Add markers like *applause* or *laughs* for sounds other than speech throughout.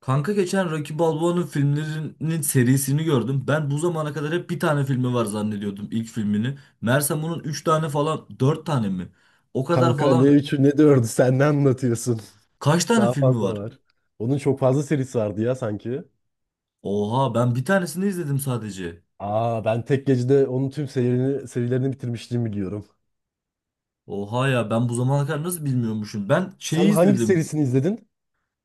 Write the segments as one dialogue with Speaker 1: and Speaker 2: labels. Speaker 1: Kanka geçen Rocky Balboa'nın filmlerinin serisini gördüm. Ben bu zamana kadar hep bir tane filmi var zannediyordum ilk filmini. Meğersem bunun 3 tane falan 4 tane mi? O kadar
Speaker 2: Kanka ne
Speaker 1: falan
Speaker 2: üçü ne dördü sen ne anlatıyorsun?
Speaker 1: kaç
Speaker 2: *laughs*
Speaker 1: tane
Speaker 2: Daha
Speaker 1: filmi
Speaker 2: fazla
Speaker 1: var?
Speaker 2: var. Onun çok fazla serisi vardı ya sanki.
Speaker 1: Oha ben bir tanesini izledim sadece.
Speaker 2: Aa ben tek gecede onun tüm serilerini bitirmişliğimi biliyorum.
Speaker 1: Oha ya ben bu zamana kadar nasıl bilmiyormuşum. Ben şeyi
Speaker 2: Sen hangi
Speaker 1: izledim.
Speaker 2: serisini izledin?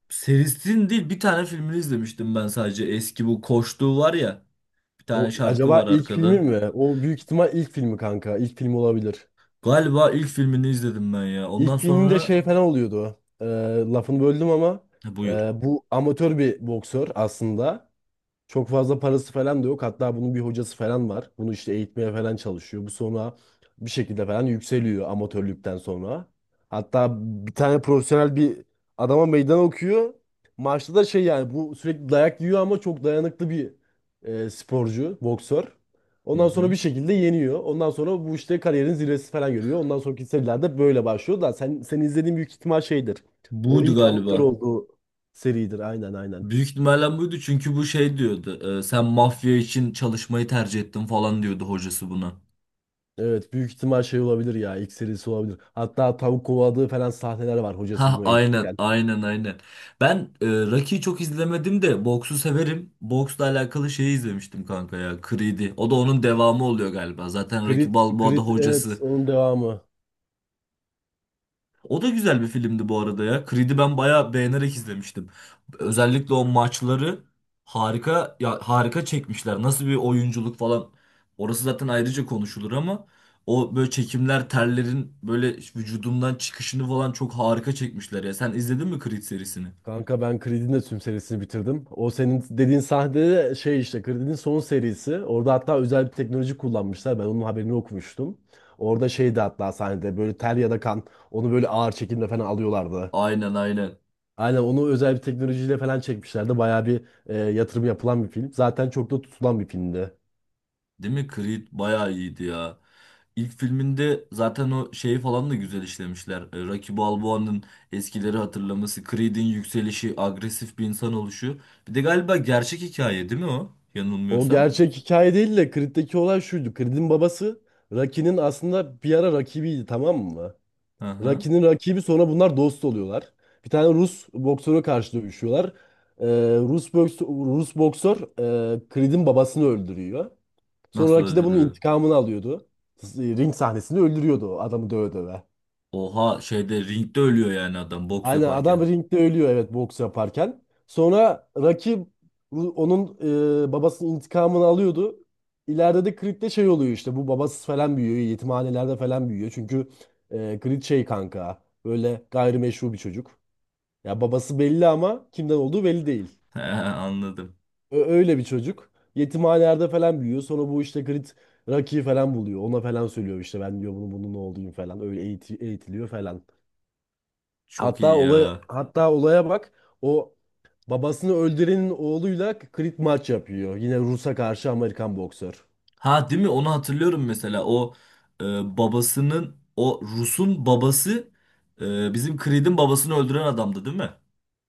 Speaker 1: Serisinin değil bir tane filmini izlemiştim ben sadece. Eski bu koştuğu var ya. Bir tane
Speaker 2: O
Speaker 1: şarkı
Speaker 2: acaba
Speaker 1: var
Speaker 2: ilk filmi
Speaker 1: arkada.
Speaker 2: mi? O büyük ihtimal ilk filmi kanka. İlk film olabilir.
Speaker 1: Galiba ilk filmini izledim ben ya. Ondan
Speaker 2: İlk filminde
Speaker 1: sonra
Speaker 2: şey falan oluyordu. Lafını böldüm ama
Speaker 1: ha, buyur.
Speaker 2: bu amatör bir boksör aslında. Çok fazla parası falan da yok. Hatta bunun bir hocası falan var. Bunu işte eğitmeye falan çalışıyor. Bu sonra bir şekilde falan yükseliyor amatörlükten sonra. Hatta bir tane profesyonel bir adama meydan okuyor. Maçta da şey yani bu sürekli dayak yiyor ama çok dayanıklı bir sporcu, boksör.
Speaker 1: Hı
Speaker 2: Ondan sonra
Speaker 1: hı.
Speaker 2: bir şekilde yeniyor. Ondan sonra bu işte kariyerin zirvesi falan görüyor. Ondan sonraki serilerde böyle başlıyor da sen izlediğin büyük ihtimal şeydir. O
Speaker 1: Buydu
Speaker 2: ilk amatör
Speaker 1: galiba.
Speaker 2: olduğu seridir. Aynen aynen.
Speaker 1: Büyük ihtimalle buydu çünkü bu şey diyordu. Sen mafya için çalışmayı tercih ettin falan diyordu hocası buna.
Speaker 2: Evet büyük ihtimal şey olabilir ya ilk serisi olabilir. Hatta tavuk kovaladığı falan sahneler var hocası
Speaker 1: Ha
Speaker 2: bunu
Speaker 1: aynen
Speaker 2: eğitirken.
Speaker 1: aynen aynen. Ben Rocky'yi çok izlemedim de boksu severim. Boksla alakalı şeyi izlemiştim kanka ya. Creed'i. O da onun devamı oluyor galiba. Zaten Rocky
Speaker 2: Creed,
Speaker 1: Balboa da
Speaker 2: Creed evet
Speaker 1: hocası.
Speaker 2: onun devamı.
Speaker 1: O da güzel bir filmdi bu arada ya. Creed'i ben bayağı beğenerek izlemiştim. Özellikle o maçları harika ya, harika çekmişler. Nasıl bir oyunculuk falan. Orası zaten ayrıca konuşulur ama o böyle çekimler terlerin böyle vücudumdan çıkışını falan çok harika çekmişler ya. Sen izledin mi Creed serisini?
Speaker 2: Kanka ben Creed'in de tüm serisini bitirdim. O senin dediğin sahnede de şey işte Creed'in son serisi. Orada hatta özel bir teknoloji kullanmışlar. Ben onun haberini okumuştum. Orada şeydi hatta sahnede böyle ter ya da kan onu böyle ağır çekimle falan alıyorlardı.
Speaker 1: Aynen aynen.
Speaker 2: Aynen onu özel bir teknolojiyle falan çekmişlerdi. Bayağı bir yatırım yapılan bir film. Zaten çok da tutulan bir filmdi.
Speaker 1: Değil mi? Creed bayağı iyiydi ya. İlk filminde zaten o şeyi falan da güzel işlemişler. Rocky Balboa'nın eskileri hatırlaması, Creed'in yükselişi, agresif bir insan oluşu. Bir de galiba gerçek hikaye değil mi o?
Speaker 2: O
Speaker 1: Yanılmıyorsam.
Speaker 2: gerçek hikaye değil de Creed'deki olay şuydu. Creed'in babası Rocky'nin aslında bir ara rakibiydi, tamam mı?
Speaker 1: Hı hı.
Speaker 2: Rocky'nin rakibi sonra bunlar dost oluyorlar. Bir tane Rus boksöre karşı dövüşüyorlar. Ee, Rus boksör Creed'in babasını öldürüyor. Sonra
Speaker 1: Nasıl
Speaker 2: Rocky de bunun
Speaker 1: öldürüyor?
Speaker 2: intikamını alıyordu. Ring sahnesinde öldürüyordu o adamı döve döve.
Speaker 1: Oha, şeyde ringde ölüyor yani adam boks
Speaker 2: Aynen
Speaker 1: yaparken.
Speaker 2: adam ringde ölüyor, evet, boks yaparken. Sonra rakip onun babasının intikamını alıyordu. İleride de Creed'de şey oluyor işte bu babasız falan büyüyor. Yetimhanelerde falan büyüyor. Çünkü Creed şey kanka böyle gayrimeşru bir çocuk. Ya babası belli ama kimden olduğu belli değil.
Speaker 1: *laughs* He, anladım.
Speaker 2: Öyle bir çocuk. Yetimhanelerde falan büyüyor. Sonra bu işte Creed Rocky'yi falan buluyor. Ona falan söylüyor işte ben diyor bunun oğluyum falan. Öyle eğitiliyor falan.
Speaker 1: Çok
Speaker 2: Hatta
Speaker 1: iyi
Speaker 2: olay
Speaker 1: ya.
Speaker 2: hatta olaya bak. O babasını öldürenin oğluyla krit maç yapıyor. Yine Rus'a karşı Amerikan boksör.
Speaker 1: Ha değil mi? Onu hatırlıyorum mesela. O e, babasının o Rus'un babası bizim Creed'in babasını öldüren adamdı değil mi?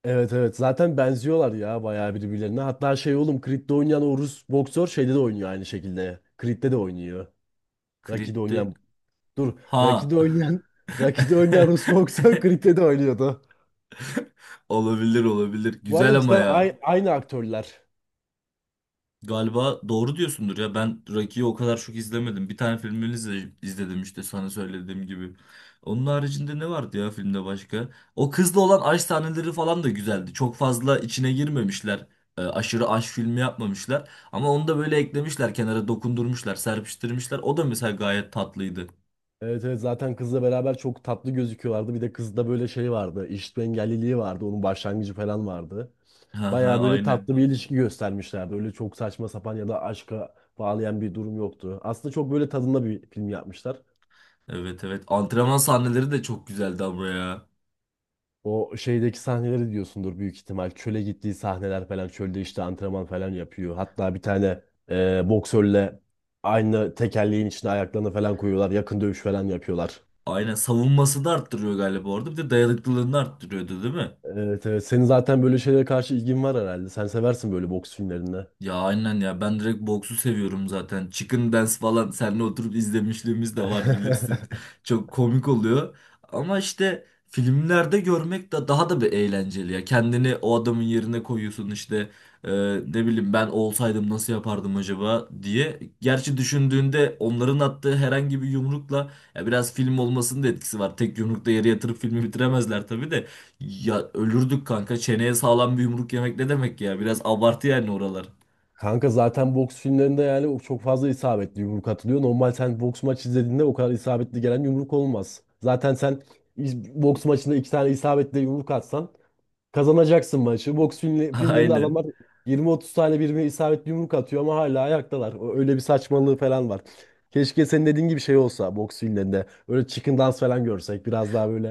Speaker 2: Evet evet zaten benziyorlar ya bayağı birbirlerine. Hatta şey oğlum Creed'de oynayan o Rus boksör şeyde de oynuyor aynı şekilde. Creed'de de oynuyor. Rocky'de
Speaker 1: Crit'ti.
Speaker 2: oynayan dur
Speaker 1: Ha.
Speaker 2: Rocky'de oynayan *laughs* Rocky'de oynayan Rus boksör
Speaker 1: *laughs*
Speaker 2: Creed'de de oynuyordu.
Speaker 1: Olabilir olabilir.
Speaker 2: Bu
Speaker 1: Güzel
Speaker 2: arada
Speaker 1: ama
Speaker 2: cidden
Speaker 1: ya.
Speaker 2: aynı aktörler.
Speaker 1: Galiba doğru diyorsundur ya. Ben Rocky'yi o kadar çok izlemedim. Bir tane filmini izledim işte sana söylediğim gibi. Onun haricinde ne vardı ya filmde başka? O kızla olan aşk sahneleri falan da güzeldi. Çok fazla içine girmemişler. Aşırı aşk filmi yapmamışlar. Ama onu da böyle eklemişler, kenara dokundurmuşlar, serpiştirmişler. O da mesela gayet tatlıydı.
Speaker 2: Evet evet zaten kızla beraber çok tatlı gözüküyorlardı. Bir de kızda böyle şey vardı. İşitme engelliliği vardı. Onun başlangıcı falan vardı.
Speaker 1: Ha ha,
Speaker 2: Baya böyle
Speaker 1: aynı.
Speaker 2: tatlı bir ilişki göstermişlerdi. Öyle çok saçma sapan ya da aşka bağlayan bir durum yoktu. Aslında çok böyle tadında bir film yapmışlar.
Speaker 1: Evet evet. Antrenman sahneleri de çok güzeldi ama ya.
Speaker 2: O şeydeki sahneleri diyorsundur büyük ihtimal. Çöle gittiği sahneler falan. Çölde işte antrenman falan yapıyor. Hatta bir tane boksörle aynı tekerleğin içine ayaklarını falan koyuyorlar. Yakın dövüş falan yapıyorlar.
Speaker 1: Aynen, savunması da arttırıyor galiba orada. Bir de dayanıklılığını arttırıyordu değil mi?
Speaker 2: Evet evet. Senin zaten böyle şeylere karşı ilgin var herhalde. Sen seversin böyle boks filmlerinde.
Speaker 1: Ya aynen ya, ben direkt boksu seviyorum zaten. Chicken Dance falan seninle oturup izlemişliğimiz de var bilirsin.
Speaker 2: *laughs*
Speaker 1: *laughs* Çok komik oluyor. Ama işte filmlerde görmek de daha da bir eğlenceli ya. Kendini o adamın yerine koyuyorsun işte e, ne bileyim ben olsaydım nasıl yapardım acaba diye. Gerçi düşündüğünde onların attığı herhangi bir yumrukla ya, biraz film olmasının da etkisi var. Tek yumrukta yere yatırıp filmi bitiremezler tabii de. Ya ölürdük kanka. Çeneye sağlam bir yumruk yemek ne demek ya? Biraz abartı yani oralar.
Speaker 2: Kanka zaten boks filmlerinde yani o çok fazla isabetli yumruk atılıyor. Normal sen boks maç izlediğinde o kadar isabetli gelen yumruk olmaz. Zaten sen boks maçında iki tane isabetli yumruk atsan kazanacaksın maçı. Boks filmlerinde
Speaker 1: Aynen.
Speaker 2: adamlar 20-30 tane birbirine isabetli yumruk atıyor ama hala ayaktalar. Öyle bir saçmalığı falan var. Keşke senin dediğin gibi şey olsa boks filmlerinde. Öyle chicken dance falan görsek biraz daha böyle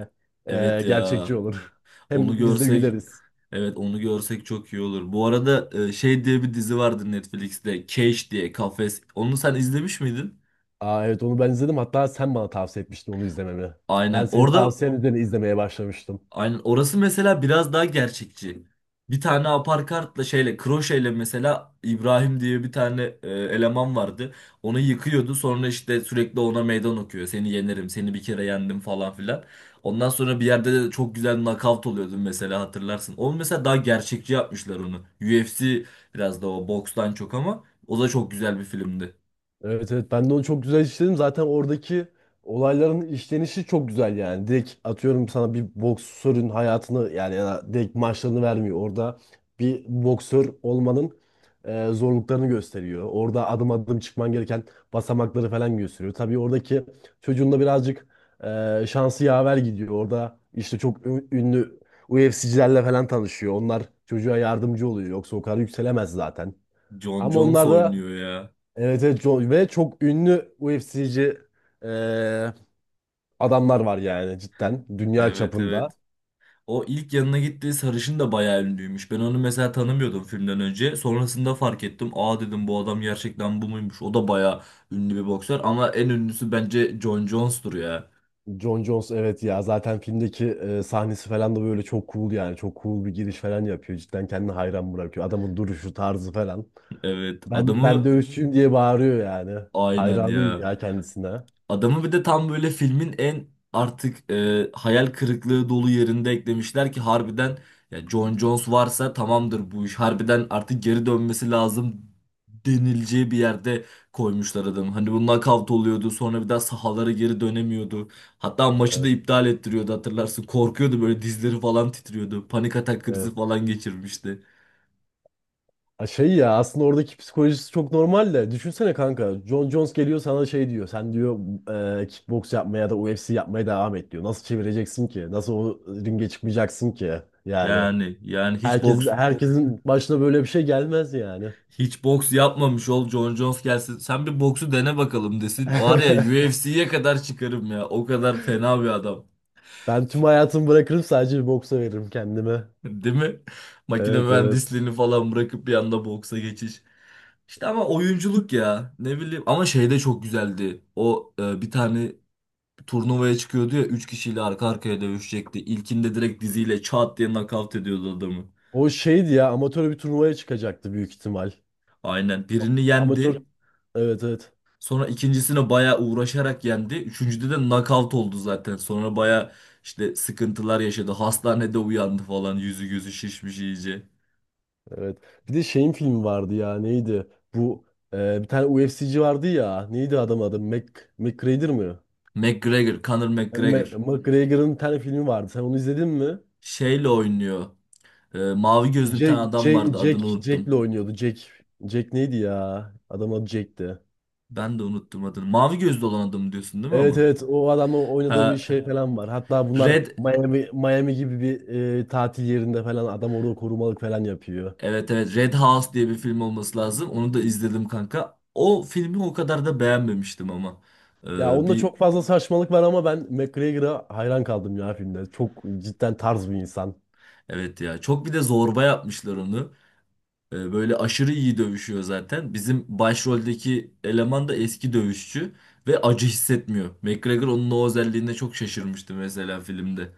Speaker 1: Evet
Speaker 2: gerçekçi
Speaker 1: ya.
Speaker 2: olur. *laughs* Hem
Speaker 1: Onu
Speaker 2: biz de
Speaker 1: görsek,
Speaker 2: güleriz.
Speaker 1: evet onu görsek çok iyi olur. Bu arada şey diye bir dizi vardı Netflix'te. Cage diye, Kafes. Onu sen izlemiş miydin?
Speaker 2: Aa evet onu ben izledim. Hatta sen bana tavsiye etmiştin onu izlememi. Ben
Speaker 1: Aynen.
Speaker 2: senin
Speaker 1: Orada
Speaker 2: tavsiyen üzerine izlemeye başlamıştım.
Speaker 1: aynen, orası mesela biraz daha gerçekçi. Bir tane aparkartla, şeyle, kroşeyle mesela İbrahim diye bir tane eleman vardı. Onu yıkıyordu, sonra işte sürekli ona meydan okuyor. Seni yenerim, seni bir kere yendim falan filan. Ondan sonra bir yerde de çok güzel knockout oluyordun mesela hatırlarsın. Onu mesela daha gerçekçi yapmışlar onu. UFC biraz da o, bokstan çok, ama o da çok güzel bir filmdi.
Speaker 2: Evet evet ben de onu çok güzel işledim. Zaten oradaki olayların işlenişi çok güzel yani. Direkt atıyorum sana bir boksörün hayatını yani ya da direkt maçlarını vermiyor. Orada bir boksör olmanın zorluklarını gösteriyor. Orada adım adım çıkman gereken basamakları falan gösteriyor. Tabii oradaki çocuğun da birazcık şansı yaver gidiyor. Orada işte çok ünlü UFC'cilerle falan tanışıyor. Onlar çocuğa yardımcı oluyor. Yoksa o kadar yükselemez zaten.
Speaker 1: Jon
Speaker 2: Ama
Speaker 1: Jones
Speaker 2: onlar da
Speaker 1: oynuyor ya.
Speaker 2: Evet, evet, çok- ve çok ünlü UFC'ci eee, adamlar var yani cidden dünya
Speaker 1: Evet
Speaker 2: çapında.
Speaker 1: evet. O ilk yanına gittiği sarışın da bayağı ünlüymüş. Ben onu mesela tanımıyordum filmden önce. Sonrasında fark ettim. Aa, dedim bu adam gerçekten bu muymuş? O da bayağı ünlü bir boksör ama en ünlüsü bence John Jones'tur ya.
Speaker 2: Jon Jones evet ya zaten filmdeki sahnesi falan da böyle çok cool yani çok cool bir giriş falan yapıyor. Cidden kendini hayran bırakıyor. Adamın duruşu tarzı falan.
Speaker 1: Evet
Speaker 2: Ben
Speaker 1: adamı
Speaker 2: dövüşçüyüm diye bağırıyor yani.
Speaker 1: aynen
Speaker 2: Hayranıyım
Speaker 1: ya.
Speaker 2: ya kendisine.
Speaker 1: Adamı bir de tam böyle filmin en artık hayal kırıklığı dolu yerinde eklemişler ki harbiden ya Jon Jones varsa tamamdır bu iş. Harbiden artık geri dönmesi lazım denileceği bir yerde koymuşlar adamı. Hani bu knockout oluyordu, sonra bir daha sahalara geri dönemiyordu. Hatta maçı da
Speaker 2: Evet,
Speaker 1: iptal ettiriyordu hatırlarsın. Korkuyordu, böyle dizleri falan titriyordu. Panik atak krizi
Speaker 2: evet.
Speaker 1: falan geçirmişti.
Speaker 2: Ha şey ya aslında oradaki psikolojisi çok normal de, düşünsene kanka, John Jones geliyor sana, şey diyor, sen diyor kickbox yapmaya ya da UFC yapmaya devam et diyor, nasıl çevireceksin ki, nasıl o ringe çıkmayacaksın ki yani
Speaker 1: Yani yani hiç
Speaker 2: yani
Speaker 1: boks
Speaker 2: herkesin başına böyle bir şey gelmez yani.
Speaker 1: hiç boks yapmamış ol, John Jones gelsin. Sen bir boksu dene bakalım desin. Var ya,
Speaker 2: *laughs*
Speaker 1: UFC'ye kadar çıkarım ya. O kadar fena bir adam.
Speaker 2: Ben tüm hayatımı bırakırım, sadece bir boksa veririm kendime,
Speaker 1: *laughs* Değil mi? Makine
Speaker 2: evet evet.
Speaker 1: mühendisliğini falan bırakıp bir anda boksa geçiş. İşte ama oyunculuk ya. Ne bileyim. Ama şey de çok güzeldi. O bir tane turnuvaya çıkıyordu ya. Üç kişiyle arka arkaya dövüşecekti. İlkinde direkt diziyle çat diye nakavt ediyordu adamı.
Speaker 2: O şeydi ya, amatör bir turnuvaya çıkacaktı büyük ihtimal,
Speaker 1: Aynen. Birini
Speaker 2: amatör,
Speaker 1: yendi.
Speaker 2: evet evet.
Speaker 1: Sonra ikincisine bayağı uğraşarak yendi. Üçüncüde de knockout oldu zaten. Sonra bayağı işte sıkıntılar yaşadı. Hastanede uyandı falan. Yüzü gözü şişmiş iyice.
Speaker 2: Evet. Bir de şeyin filmi vardı ya, neydi? Bu bir tane UFC'ci vardı ya. Neydi adam adı? McGregor mı?
Speaker 1: McGregor, Conor McGregor.
Speaker 2: McGregor'ın bir tane filmi vardı. Sen onu izledin mi?
Speaker 1: Şeyle oynuyor. Mavi gözlü bir tane adam vardı. Adını
Speaker 2: Jack'le
Speaker 1: unuttum.
Speaker 2: oynuyordu. Jack neydi ya? Adam adı Jack'ti.
Speaker 1: Ben de unuttum adını. Mavi gözlü olan adam diyorsun değil mi
Speaker 2: Evet
Speaker 1: ama?
Speaker 2: evet o adamla oynadığı bir
Speaker 1: Ha,
Speaker 2: şey falan var. Hatta bunlar
Speaker 1: Red.
Speaker 2: Miami gibi bir tatil yerinde falan adam orada korumalık falan yapıyor.
Speaker 1: Evet evet, Red House diye bir film olması lazım. Onu da izledim kanka. O filmi o kadar da beğenmemiştim ama.
Speaker 2: Ya onda
Speaker 1: Bir
Speaker 2: çok fazla saçmalık var ama ben McGregor'a hayran kaldım ya filmde. Çok cidden tarz bir insan.
Speaker 1: evet ya çok, bir de zorba yapmışlar onu. Böyle aşırı iyi dövüşüyor zaten. Bizim başroldeki eleman da eski dövüşçü ve acı hissetmiyor. McGregor onun o özelliğine çok şaşırmıştı mesela filmde.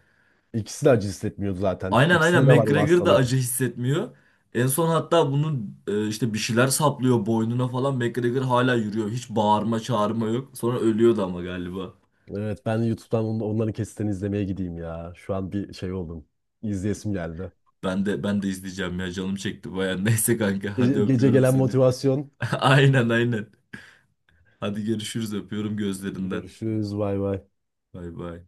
Speaker 2: İkisi de acı hissetmiyor zaten.
Speaker 1: Aynen
Speaker 2: İkisinde
Speaker 1: aynen,
Speaker 2: de var o
Speaker 1: McGregor da
Speaker 2: hastalık.
Speaker 1: acı hissetmiyor. En son hatta bunun işte bir şeyler saplıyor boynuna falan. McGregor hala yürüyor. Hiç bağırma çağırma yok. Sonra ölüyordu ama galiba.
Speaker 2: Evet ben YouTube'dan onların kesitlerini izlemeye gideyim ya. Şu an bir şey oldum. İzleyesim geldi.
Speaker 1: Ben de ben de izleyeceğim ya, canım çekti baya. *laughs* Neyse kanka, hadi
Speaker 2: Gece, gece
Speaker 1: öpüyorum
Speaker 2: gelen
Speaker 1: seni.
Speaker 2: motivasyon.
Speaker 1: *laughs* Aynen aynen. Hadi görüşürüz, öpüyorum gözlerinden.
Speaker 2: Görüşürüz bay bay.
Speaker 1: Bay bay.